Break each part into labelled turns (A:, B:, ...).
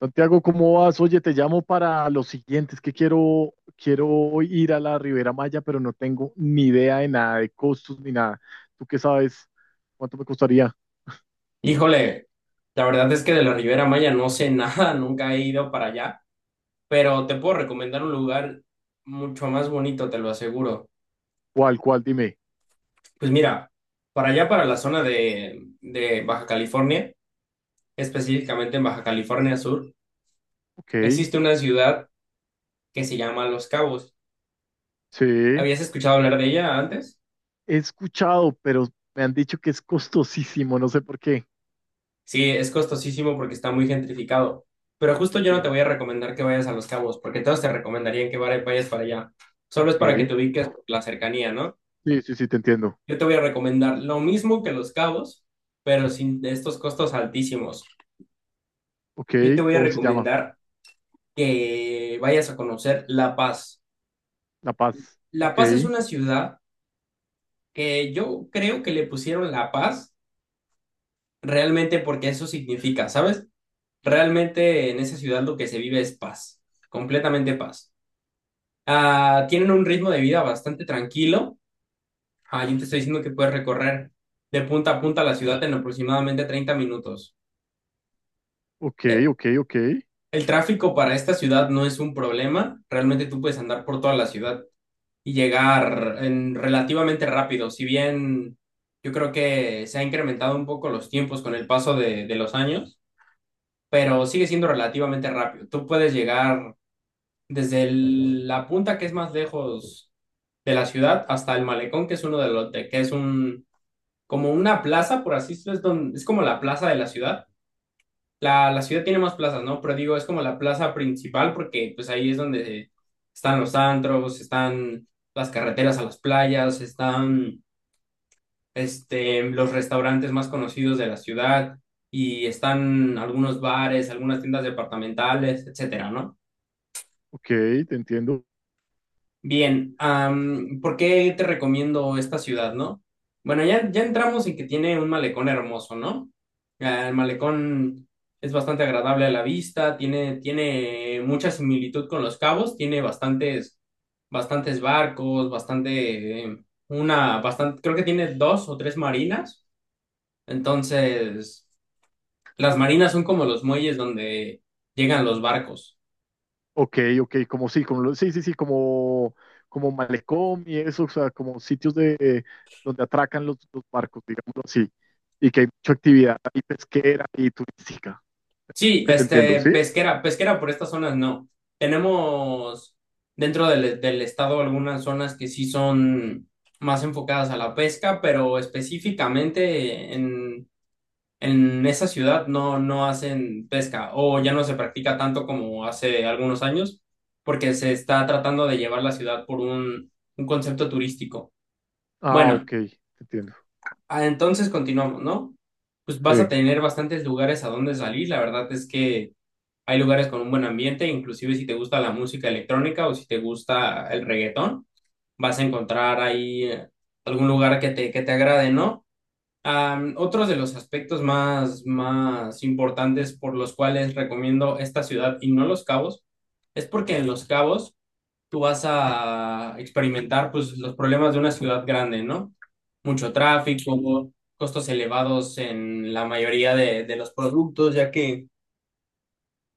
A: Santiago, ¿cómo vas? Oye, te llamo para los siguientes que quiero ir a la Ribera Maya, pero no tengo ni idea de nada, de costos ni nada. ¿Tú qué sabes? ¿Cuánto me costaría?
B: Híjole, la verdad es que de la Riviera Maya no sé nada, nunca he ido para allá, pero te puedo recomendar un lugar mucho más bonito, te lo aseguro.
A: ¿Cuál, cuál? Dime.
B: Pues mira, para allá, para la zona de Baja California, específicamente en Baja California Sur,
A: Ok,
B: existe una ciudad que se llama Los Cabos.
A: sí.
B: ¿Habías escuchado hablar de ella antes?
A: He escuchado, pero me han dicho que es costosísimo, no sé por qué.
B: Sí, es costosísimo porque está muy gentrificado, pero justo
A: Ok,
B: yo no te voy a recomendar que vayas a Los Cabos, porque todos te recomendarían que vayas para allá. Solo es para que
A: ok.
B: te ubiques por la cercanía, ¿no?
A: Sí, sí, sí, te entiendo.
B: Yo te voy a recomendar lo mismo que Los Cabos, pero sin estos costos altísimos.
A: Ok,
B: Yo te voy a
A: ¿cómo se llama?
B: recomendar que vayas a conocer La Paz.
A: La Paz.
B: La
A: Ok,
B: Paz es una ciudad que yo creo que le pusieron La Paz realmente porque eso significa, ¿sabes? Realmente en esa ciudad lo que se vive es paz, completamente paz. Tienen un ritmo de vida bastante tranquilo. Yo te estoy diciendo que puedes recorrer de punta a punta la ciudad en aproximadamente 30 minutos.
A: ok,
B: Eh,
A: ok, ok.
B: El tráfico para esta ciudad no es un problema. Realmente tú puedes andar por toda la ciudad y llegar en relativamente rápido. Si bien yo creo que se ha incrementado un poco los tiempos con el paso de los años, pero sigue siendo relativamente rápido. Tú puedes llegar desde la punta que es más lejos de la ciudad hasta el malecón, que es uno de los que es un como una plaza, por así decirlo, es, es como la plaza de la ciudad, la ciudad tiene más plazas, ¿no? Pero digo, es como la plaza principal porque pues ahí es donde están los antros, están las carreteras a las playas, están este, los restaurantes más conocidos de la ciudad y están algunos bares, algunas tiendas departamentales, etcétera, ¿no?
A: Ok, te entiendo.
B: Bien, ¿por qué te recomiendo esta ciudad, no? Bueno, ya entramos en que tiene un malecón hermoso, ¿no? El malecón es bastante agradable a la vista, tiene mucha similitud con Los Cabos, tiene bastantes, bastantes barcos, bastante, una, bastante, creo que tiene dos o tres marinas. Entonces, las marinas son como los muelles donde llegan los barcos.
A: Ok, ok, como sí, como sí, sí, sí, como, como malecón y eso, o sea, como sitios de donde atracan los barcos, digámoslo así, y que hay mucha actividad y pesquera y turística,
B: Sí,
A: que te entiendo,
B: este,
A: ¿sí?
B: pesquera, pesquera por estas zonas no. Tenemos dentro del estado algunas zonas que sí son más enfocadas a la pesca, pero específicamente en esa ciudad no, no hacen pesca o ya no se practica tanto como hace algunos años, porque se está tratando de llevar la ciudad por un concepto turístico.
A: Ah,
B: Bueno,
A: ok, te entiendo.
B: entonces continuamos, ¿no? Pues vas a
A: Sí.
B: tener bastantes lugares a donde salir, la verdad es que hay lugares con un buen ambiente, inclusive si te gusta la música electrónica o si te gusta el reggaetón, vas a encontrar ahí algún lugar que te agrade, ¿no? Otros de los aspectos más, más importantes por los cuales recomiendo esta ciudad y no Los Cabos, es porque en Los Cabos tú vas a experimentar pues, los problemas de una ciudad grande, ¿no? Mucho tráfico, costos elevados en la mayoría de los productos, ya que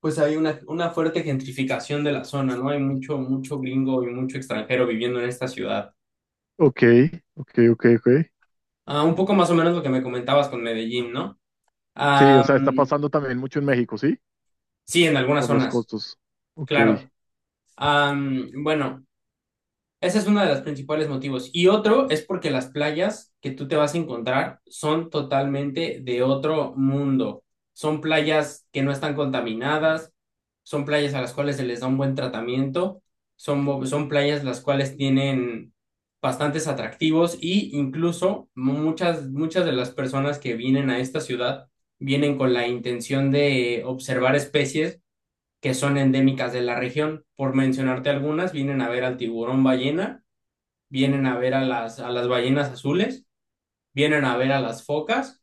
B: pues hay una fuerte gentrificación de la zona, ¿no? Hay mucho, mucho gringo y mucho extranjero viviendo en esta ciudad.
A: Ok, ok, ok, ok.
B: Ah, un poco más o menos lo que me comentabas con Medellín, ¿no?
A: Sí, o sea, está
B: Am,
A: pasando también mucho en México, ¿sí?
B: sí, en algunas
A: Por los
B: zonas,
A: costos. Ok.
B: claro. Bueno. Ese es uno de los principales motivos. Y otro es porque las playas que tú te vas a encontrar son totalmente de otro mundo. Son playas que no están contaminadas, son playas a las cuales se les da un buen tratamiento, son playas las cuales tienen bastantes atractivos y incluso muchas, muchas de las personas que vienen a esta ciudad vienen con la intención de observar especies que son endémicas de la región. Por mencionarte algunas, vienen a ver al tiburón ballena, vienen a ver a a las ballenas azules, vienen a ver a las focas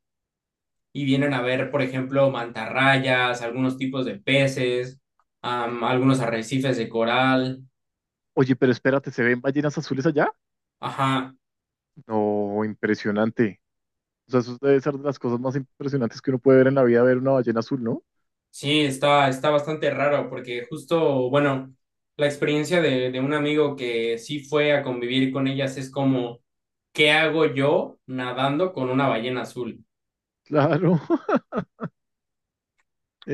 B: y vienen a ver, por ejemplo, mantarrayas, algunos tipos de peces, algunos arrecifes de coral.
A: Oye, pero espérate, ¿se ven ballenas azules allá?
B: Ajá,
A: No, impresionante. O sea, eso debe ser de las cosas más impresionantes que uno puede ver en la vida, ver una ballena azul, ¿no?
B: sí, está, está bastante raro porque justo, bueno, la experiencia de un amigo que sí fue a convivir con ellas es como, ¿qué hago yo nadando con una ballena azul?
A: Claro,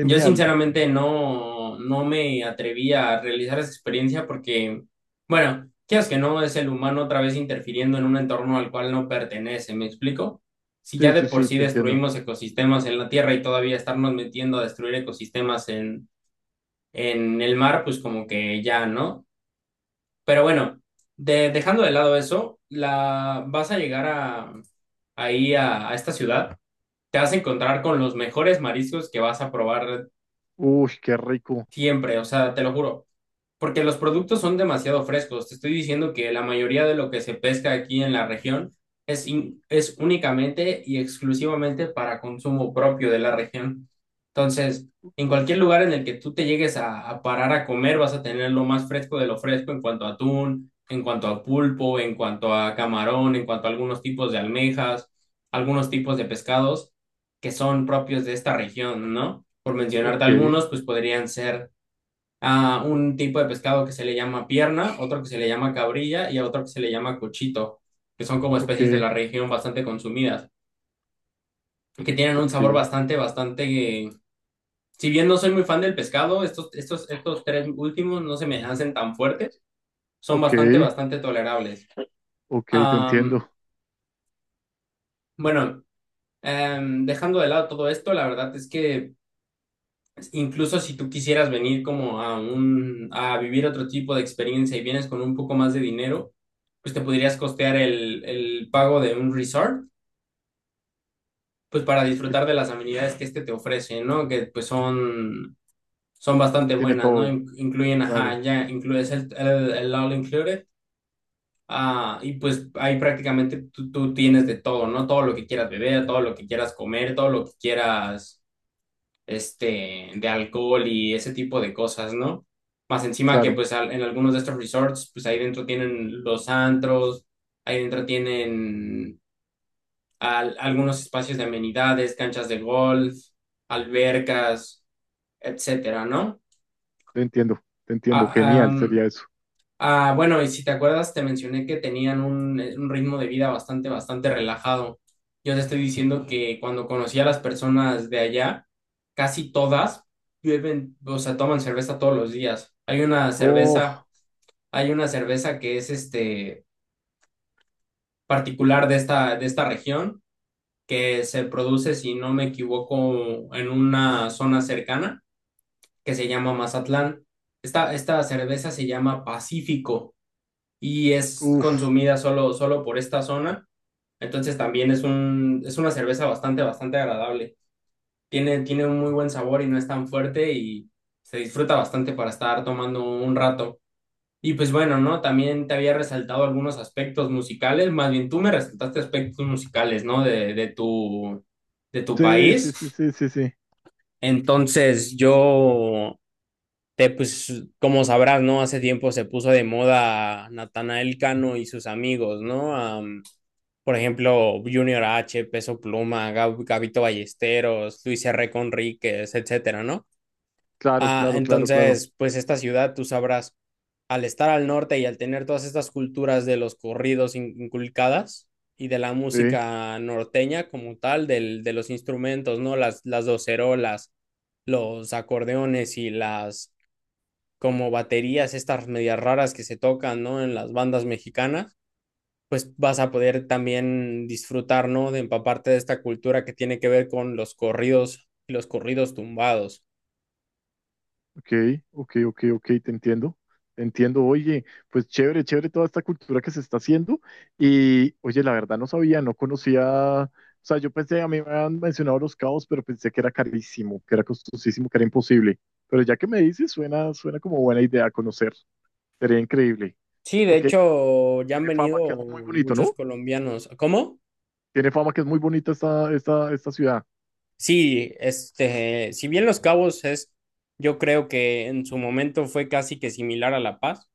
B: Yo sinceramente no, no me atreví a realizar esa experiencia porque, bueno, quieras que no, es el humano otra vez interfiriendo en un entorno al cual no pertenece, ¿me explico? Si ya
A: Sí,
B: de
A: sí,
B: por
A: sí,
B: sí
A: te entiendo.
B: destruimos ecosistemas en la Tierra y todavía estarnos metiendo a destruir ecosistemas en el mar, pues como que ya, ¿no? Pero bueno, dejando de lado eso, la, vas a llegar a, ahí a esta ciudad, te vas a encontrar con los mejores mariscos que vas a probar
A: Uy, qué rico.
B: siempre, o sea, te lo juro. Porque los productos son demasiado frescos. Te estoy diciendo que la mayoría de lo que se pesca aquí en la región es, es únicamente y exclusivamente para consumo propio de la región. Entonces, en cualquier lugar en el que tú te llegues a parar a comer, vas a tener lo más fresco de lo fresco en cuanto a atún, en cuanto a pulpo, en cuanto a camarón, en cuanto a algunos tipos de almejas, algunos tipos de pescados que son propios de esta región, ¿no? Por mencionarte
A: Ok,
B: algunos, pues podrían ser a un tipo de pescado que se le llama pierna, otro que se le llama cabrilla y a otro que se le llama cochito, que son como
A: ok,
B: especies de la región bastante consumidas, que tienen un
A: ok,
B: sabor bastante, bastante... Si bien no soy muy fan del pescado, estos tres últimos no se me hacen tan fuertes, son
A: ok,
B: bastante, bastante tolerables.
A: ok, te
B: Am,
A: entiendo.
B: bueno, dejando de lado todo esto, la verdad es que... Incluso si tú quisieras venir como a un, a vivir otro tipo de experiencia y vienes con un poco más de dinero, pues te podrías costear el pago de un resort, pues para
A: Que-
B: disfrutar de las amenidades que este te ofrece, ¿no? Que pues son, son
A: que
B: bastante
A: tiene
B: buenas, ¿no?
A: todo.
B: Incluyen, ajá,
A: Claro,
B: ya incluyes el all included, ah, y pues ahí prácticamente tú tienes de todo, ¿no? Todo lo que quieras beber, todo lo que quieras comer, todo lo que quieras este, de alcohol y ese tipo de cosas, ¿no? Más encima que
A: claro,
B: pues en algunos de estos resorts, pues ahí dentro tienen los antros, ahí dentro tienen algunos espacios de amenidades, canchas de golf, albercas, etcétera, ¿no?
A: te entiendo, te entiendo.
B: Ah,
A: Genial
B: am,
A: sería eso.
B: Bueno, y si te acuerdas, te mencioné que tenían un ritmo de vida bastante, bastante relajado. Yo te estoy diciendo que cuando conocí a las personas de allá, casi todas beben, o sea, toman cerveza todos los días.
A: Oh,
B: Hay una cerveza que es este particular de esta región, que se produce, si no me equivoco, en una zona cercana que se llama Mazatlán. Esta cerveza se llama Pacífico y es
A: uff.
B: consumida solo, solo por esta zona. Entonces también es un, es una cerveza bastante, bastante agradable. Tiene un muy buen sabor y no es tan fuerte y se disfruta bastante para estar tomando un rato. Y pues bueno, ¿no? También te había resaltado algunos aspectos musicales, más bien tú me resaltaste aspectos musicales, ¿no? De tu
A: Sí, sí,
B: país.
A: sí, sí, sí, sí.
B: Entonces yo te, pues, como sabrás, ¿no? Hace tiempo se puso de moda Natanael Cano y sus amigos, ¿no? Por ejemplo, Junior H, Peso Pluma, Gabito Ballesteros, Luis R. Conríquez, etcétera, ¿no?
A: Claro, claro, claro, claro.
B: Entonces, pues esta ciudad, tú sabrás, al estar al norte y al tener todas estas culturas de los corridos inculcadas y de la
A: Sí.
B: música norteña como tal, del, de los instrumentos, ¿no? Las docerolas, los acordeones y las como baterías estas medias raras que se tocan, ¿no? En las bandas mexicanas, pues vas a poder también disfrutar, ¿no? De empaparte de esta cultura que tiene que ver con los corridos y los corridos tumbados.
A: Ok, ok, ok, ok, te entiendo. Te entiendo. Oye, pues chévere, chévere toda esta cultura que se está haciendo. Y oye, la verdad no sabía, no conocía. O sea, yo pensé, a mí me habían mencionado los cabos, pero pensé que era carísimo, que era costosísimo, que era imposible. Pero ya que me dices, suena, suena como buena idea conocer. Sería increíble.
B: Sí, de
A: Porque
B: hecho, ya han
A: tiene
B: venido
A: fama que es muy bonito,
B: muchos
A: ¿no?
B: colombianos. ¿Cómo?
A: Tiene fama que es muy bonita esta ciudad.
B: Sí, este, si bien Los Cabos es, yo creo que en su momento fue casi que similar a La Paz.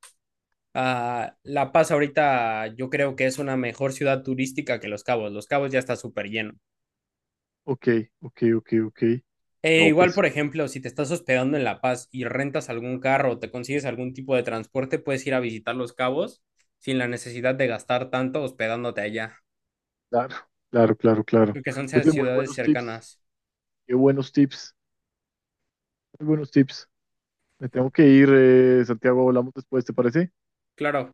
B: Ah, La Paz ahorita yo creo que es una mejor ciudad turística que Los Cabos. Los Cabos ya está súper lleno.
A: Ok, ok, ok, ok.
B: E
A: No,
B: igual,
A: pues,
B: por ejemplo, si te estás hospedando en La Paz y rentas algún carro o te consigues algún tipo de transporte, puedes ir a visitar Los Cabos sin la necesidad de gastar tanto hospedándote allá,
A: claro, claro, claro, claro.
B: porque son
A: Oye, muy
B: ciudades
A: buenos tips.
B: cercanas.
A: Qué buenos tips, muy buenos tips. Me tengo que ir, Santiago, hablamos después, ¿te parece?
B: Claro.